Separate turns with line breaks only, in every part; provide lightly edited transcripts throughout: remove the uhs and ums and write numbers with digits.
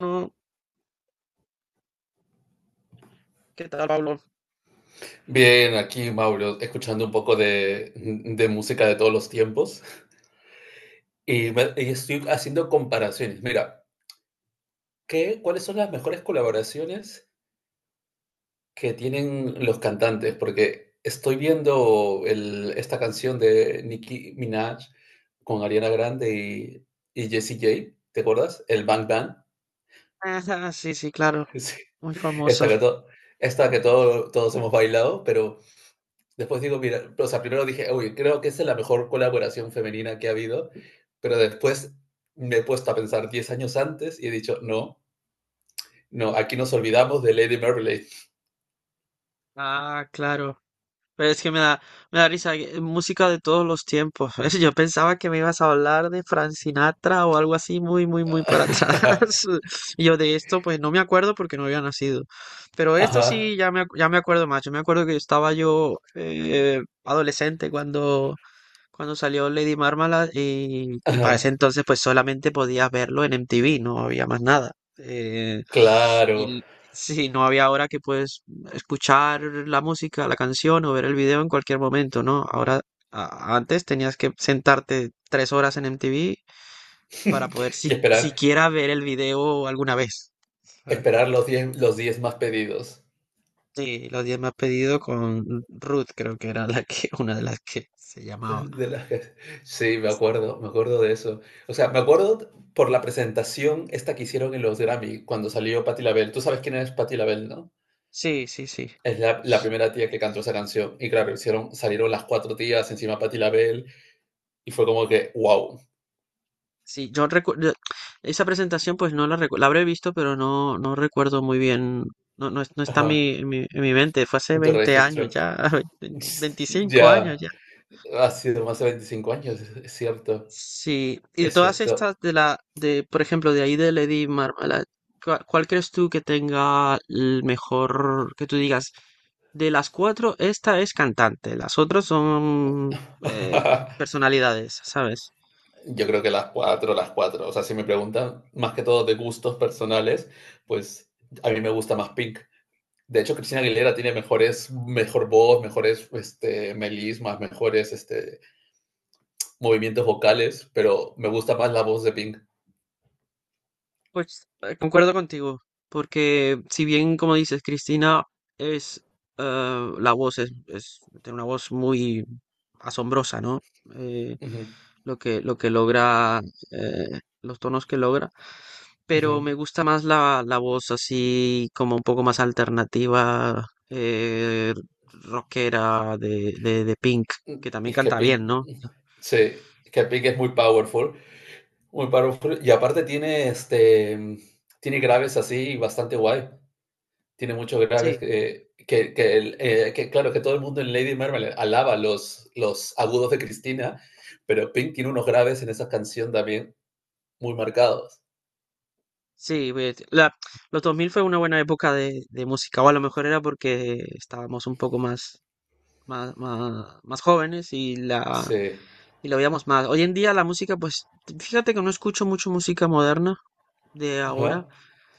No, ¿qué tal, Pablo?
Bien, aquí Mauro, escuchando un poco de música de todos los tiempos y,
Eh,
y estoy haciendo comparaciones. Mira, ¿cuáles son las mejores colaboraciones que tienen los cantantes? Porque estoy viendo esta canción de Nicki Minaj con Ariana Grande y Jessie J, ¿te acuerdas? El Bang Bang.
ajá, sí, sí, claro,
Sí,
muy
esta
famoso.
que, to- esta que todos hemos bailado, pero después digo, mira, o sea, primero dije, uy, creo que esa es la mejor colaboración femenina que ha habido, pero después me he puesto a pensar 10 años antes y he dicho, no, no, aquí nos olvidamos de Lady Marmalade.
Ah, claro. Pero es que me da risa, música de todos los tiempos. Yo pensaba que me ibas a hablar de Frank Sinatra o algo así muy, muy, muy para atrás. Y yo de esto, pues no me acuerdo porque no había nacido. Pero esto
Ajá,
sí, ya me acuerdo más. Yo me acuerdo que estaba yo adolescente cuando salió Lady Marmalade y para ese
ajá,
entonces pues solamente podías verlo en MTV, no había más nada. Eh,
claro.
y sí, no había. Ahora que puedes escuchar la música, la canción o ver el video en cualquier momento, ¿no? Ahora, antes tenías que sentarte 3 horas en MTV para poder
Y esperar,
siquiera ver el video alguna vez. ¿Sabes?
esperar los 10 más pedidos.
Sí, los 10 más pedidos con Ruth, creo que era la que, una de las que se llamaba.
De las que... Sí, me acuerdo de eso. O sea, me acuerdo por la presentación esta que hicieron en los Grammy cuando salió Patti LaBelle. Tú sabes quién es Patti LaBelle, ¿no?
Sí, sí, sí.
Es la primera tía que cantó esa canción. Y claro, hicieron, salieron las cuatro tías encima Patti LaBelle y fue como que, wow.
Sí, yo recuerdo esa presentación, pues no la la habré visto, pero no, no recuerdo muy bien. No, no, no está en mi,
Ajá,
en mi, en mi mente, fue hace 20 años
registro.
ya, 20 25 años
Ya
ya.
ha sido más de 25 años, es cierto,
Sí, y de
es
todas
cierto.
estas de, por ejemplo, de ahí de Lady Marmalade, ¿Cuál crees tú que tenga el mejor, que tú digas? De las cuatro, esta es cantante, las otras son eh, personalidades, ¿sabes?
Yo creo que las cuatro, las cuatro. O sea, si me preguntan más que todo de gustos personales, pues a mí me gusta más Pink. De hecho, Cristina Aguilera tiene mejores, mejor voz, mejores melismas, mejores movimientos vocales, pero me gusta más la voz de Pink.
Pues concuerdo contigo, porque si bien, como dices, Cristina es, la voz, es, tiene una voz muy asombrosa, ¿no? Eh,
Ujú,
lo que logra, los tonos que logra, pero
ujú.
me gusta más la voz así como un poco más alternativa, rockera de Pink, que también
Es que
canta bien,
Pink,
¿no?
sí, es que Pink es muy powerful, y aparte tiene, tiene graves así bastante guay, tiene muchos graves
Sí.
que claro, que todo el mundo en Lady Marmalade alaba los agudos de Cristina, pero Pink tiene unos graves en esa canción también muy marcados.
Sí, pues, los 2000 fue una buena época de música, o a lo mejor era porque estábamos un poco más jóvenes
Sí,
y lo veíamos más. Hoy en día la música, pues fíjate que no escucho mucho música moderna de ahora.
ajá.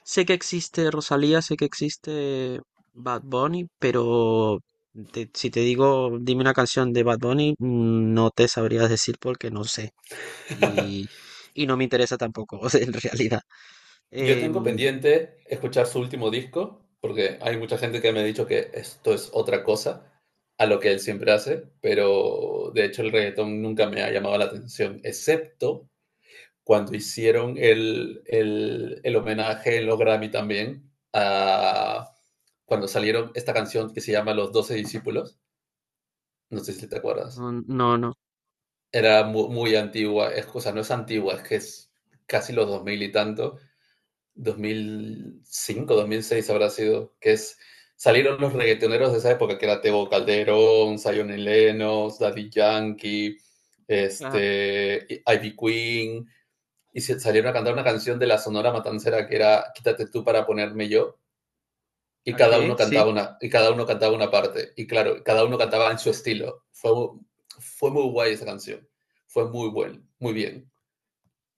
Sé que existe Rosalía, sé que existe Bad Bunny, pero si te digo, dime una canción de Bad Bunny, no te sabrías decir porque no sé. Y, y no me interesa tampoco, en realidad.
Yo tengo
Em,
pendiente escuchar su último disco, porque hay mucha gente que me ha dicho que esto es otra cosa a lo que él siempre hace, pero de hecho el reggaetón nunca me ha llamado la atención, excepto cuando hicieron el homenaje en los Grammy también, a, cuando salieron esta canción que se llama Los Doce Discípulos, no sé si te acuerdas,
no, no. No.
era muy antigua, es cosa, no es antigua, es que es casi los 2000 y tanto, 2005, 2006 habrá sido, que es salieron los reggaetoneros de esa época, que era Teo Calderón, Zion y Lennox, Daddy Yankee,
Ajá,
Ivy Queen, y salieron a cantar una canción de la Sonora Matancera que era Quítate tú para ponerme yo, y cada
ok,
uno
sí,
cantaba una, y cada uno cantaba una parte, y claro, cada uno cantaba en su estilo. Fue, fue muy guay esa canción, fue muy buen, muy bien.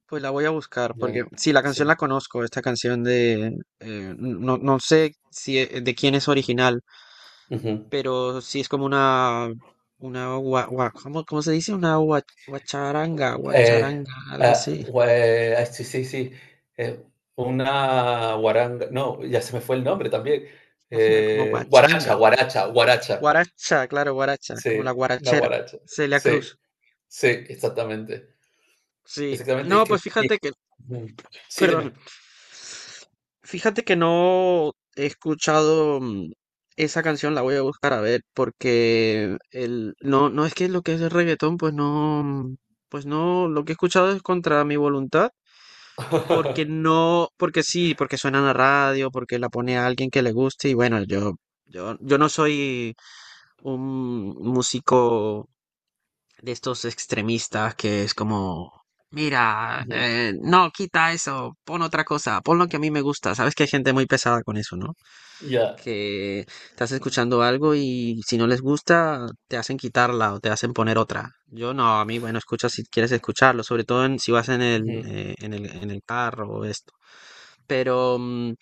pues la voy a buscar
Ya,
porque sí, la canción
sí.
la conozco, esta canción no, no sé si de quién es original,
Ujú.
pero sí es como una, ¿cómo se dice? Una guacharanga,
Eh,
guacharanga, algo
ah,
así,
gua- sí, sí, sí. eh, una guaranga. No, ya se me fue el nombre también.
como
Guaracha,
guachanga,
guaracha, guaracha.
guaracha, claro, guaracha, como la
Sí, una
guarachera,
guaracha.
Celia
Sí,
Cruz,
sí, exactamente.
sí,
Exactamente.
no, pues fíjate que
Ujú, sí,
perdón.
dime.
Fíjate que no he escuchado, esa canción, la voy a buscar a ver, porque no, no es que lo que es el reggaetón, pues no, pues no, lo que he escuchado es contra mi voluntad, porque no, porque sí, porque suena en la radio, porque la pone a alguien que le guste, y bueno, yo no soy un músico de estos extremistas que es como, mira,
Ujú,
no, quita eso, pon otra cosa, pon lo que a mí me gusta. Sabes que hay gente muy pesada con eso, ¿no?
ya.
Que estás escuchando algo y si no les gusta, te hacen quitarla o te hacen poner otra. Yo no, a mí, bueno, escucha si quieres escucharlo, sobre todo si vas en el,
Ujú.
eh, en el, en el carro o esto. Pero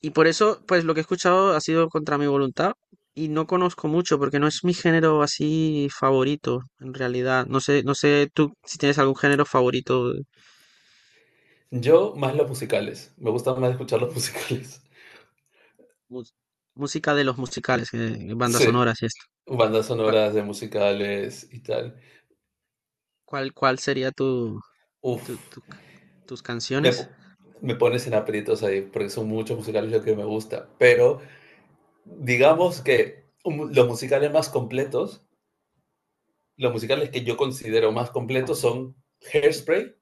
y por eso, pues lo que he escuchado ha sido contra mi voluntad y no conozco mucho porque no es mi género así favorito, en realidad. No sé, no sé tú si tienes algún género favorito,
Yo más los musicales. Me gusta más escuchar los musicales.
mus- música de los musicales, bandas
Sí,
sonoras y esto.
bandas
¿Cuál,
sonoras de musicales y tal.
cuál sería tu-
Uf.
tu ca- tus
me,
canciones?
po- Me pones en aprietos ahí, porque son muchos musicales lo que me gusta, pero digamos que los musicales más completos, los musicales que yo considero más completos son Hairspray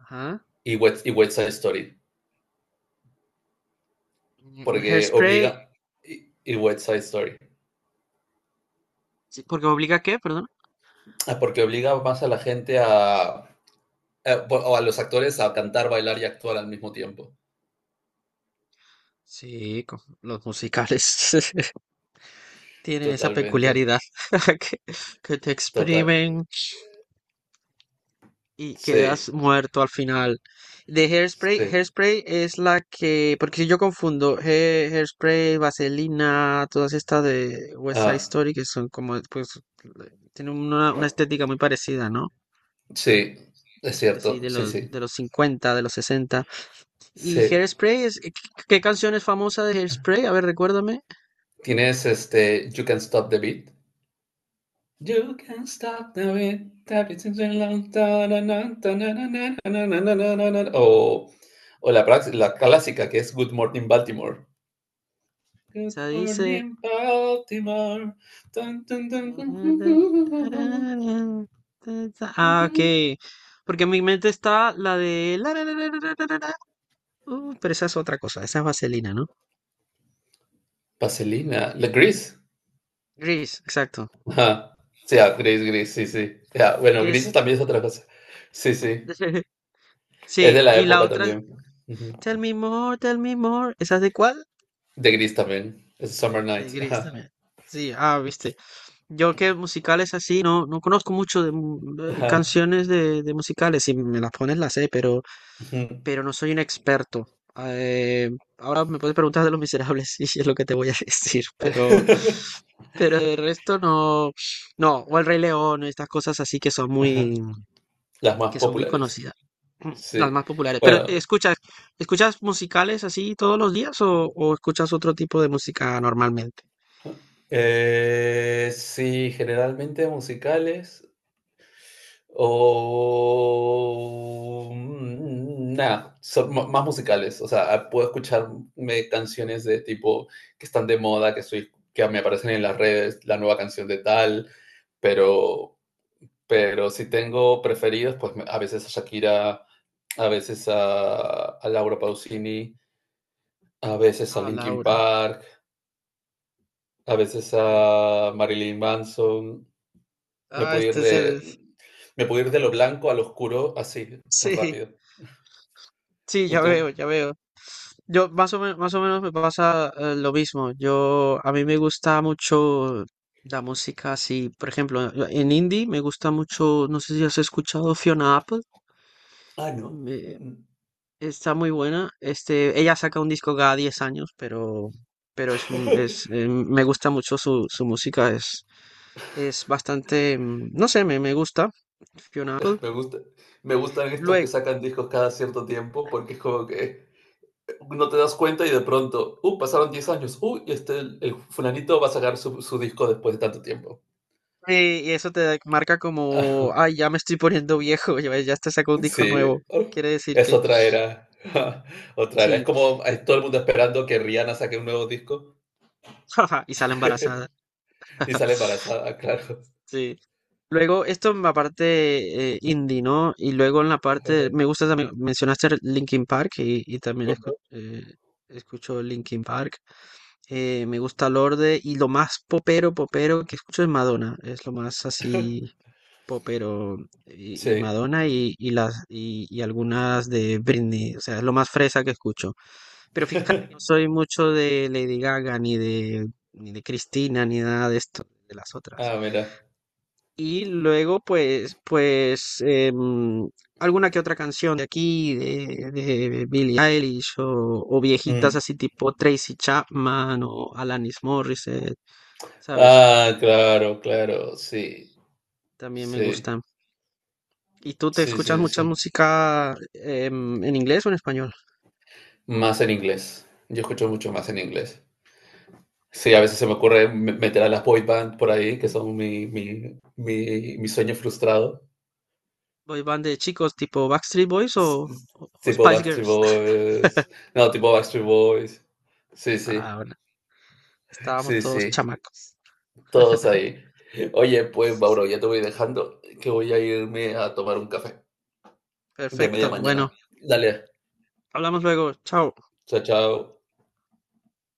Ajá.
y y West Side Story,
Un
porque
Hairspray,
obliga, y West Side Story,
sí, porque obliga a qué, perdón.
ah, porque obliga más a la gente o a los actores a cantar, bailar y actuar al mismo tiempo.
Sí, los musicales tienen esa
Totalmente,
peculiaridad que, que te
total,
exprimen y quedas
sí,
muerto al final. De Hairspray,
sí,
Hairspray es la que, porque si yo confundo Hairspray, Vaselina, todas estas de West Side
ah,
Story que son como, pues, tienen una estética muy parecida, ¿no?
sí, es
Que Sí,
cierto, sí, sí,
de los 50, de los 60.
sí.
¿Y Hairspray es, qué canción es famosa de Hairspray? A ver, recuérdame.
Tienes este You Can Stop the Beat. You can stop the beat. Tap it since a long time, na, na, na, na, na, na, na, na, O, o la, la clásica que es Good Morning Baltimore. Good
Se dice...
morning Baltimore. Tun, tun, tun, tun, tun.
Ah, ok. Porque en mi mente está la de... la, la, la, la, la, la, la, la. Pero esa es otra cosa, esa es vaselina, ¿no?
Vaselina. La gris.
Gris, exacto.
Ajá. Sí, ah, gris, gris, sí, sí. Ya, bueno,
Que es...
gris también es otra cosa. Sí, sí. Es de
Sí,
la
y la
época
otra es...
también.
Tell me more, tell me more. ¿Esa es de cuál?
De gris también. Es Summer
De
Nights.
Gris
Ajá.
también. Sí, ah, viste. Yo que musicales así, no, no conozco mucho de de
Ajá.
canciones de musicales. Si me las pones, las sé, pero...
Ujú.
no soy un experto. Eh, Ahora me puedes preguntar de Los Miserables y es lo que te voy a decir, pero, el resto no, no, o El Rey León, estas cosas así que son
Ajá.
muy,
Las más
que son muy
populares.
conocidas, las
Sí.
más populares. Pero
Bueno,
escuchas, ¿escuchas musicales así todos los días o escuchas otro tipo de música normalmente?
sí, generalmente musicales o nada, son más musicales. O sea, ah, puedo escucharme canciones de tipo que están de moda, que soy, que me aparecen en las redes, la nueva canción de tal, pero, pero si tengo preferidos, pues a veces a Shakira, a veces a Laura Pausini. A veces a
Ah,
Linkin
Laura.
Park, a veces
eh,
a Marilyn Manson. Me
Ah,
puedo ir
este es el...
de, me puedo ir de lo blanco al oscuro así, tan
Sí,
rápido.
sí,
¿Y
ya veo,
tú?
ya veo. Yo más o menos me pasa, lo mismo. Yo a mí me gusta mucho la música así, por ejemplo, en indie me gusta mucho, no sé si has escuchado Fiona Apple,
Ah, no. Mm,
me-
mm.
está muy buena. Ella saca un disco cada 10 años, pero es me gusta mucho su música, es bastante, no sé, me gusta Fiona Apple.
Me gusta, me gustan estos que
Luego,
sacan discos cada cierto tiempo porque es como que no te das cuenta y de pronto, pasaron 10 años, y este, el fulanito va a sacar su, su disco después de tanto tiempo.
y eso te marca como, ay, ya me estoy poniendo viejo, ya te sacó un disco
Sí,
nuevo.
oh,
Quiere decir
es
que
otra era. Otra era. Es
sí,
como hay todo el mundo esperando que Rihanna saque un nuevo disco
y sale embarazada.
y sale embarazada, claro.
Sí. Luego, esto en la parte, indie, ¿no? Y luego en la parte, me gusta también, mencionaste Linkin Park y también escucho Linkin Park. Me gusta Lorde y lo más popero, que escucho es Madonna. Es lo más así popero y
Sí.
Madonna y algunas de Britney. O sea, es lo más fresa que escucho. Pero fíjate que no soy mucho de Lady Gaga, ni de, ni de Cristina, ni nada de esto, de las otras.
Ah, mira.
Y luego, pues, alguna que otra canción de aquí, de Billie Eilish, o viejitas
Mm.
así tipo Tracy Chapman, o Alanis Morissette, ¿sabes?
Ah, claro, claro, sí.
También me
Sí,
gustan. ¿Y tú te
sí,
escuchas
sí,
mucha
sí.
música, en inglés o en español?
Más en inglés. Yo escucho mucho más en inglés. Sí, a veces se me
Sí.
ocurre meter a las boy band por ahí, que son mi sueño frustrado.
Boy band de chicos tipo Backstreet Boys
S-
o,
s-
o o
Tipo
Spice
Backstreet
Girls.
Boys. No, tipo Backstreet Boys. Sí, sí,
Ah, estábamos
sí,
todos
sí.
chamacos.
Todos ahí. Oye, pues
Sí, sí, sí.
Mauro, ya te voy dejando, que voy a irme a tomar un café de media
Perfecto. Bueno,
mañana. Dale,
hablamos luego. Chao.
chao, chao.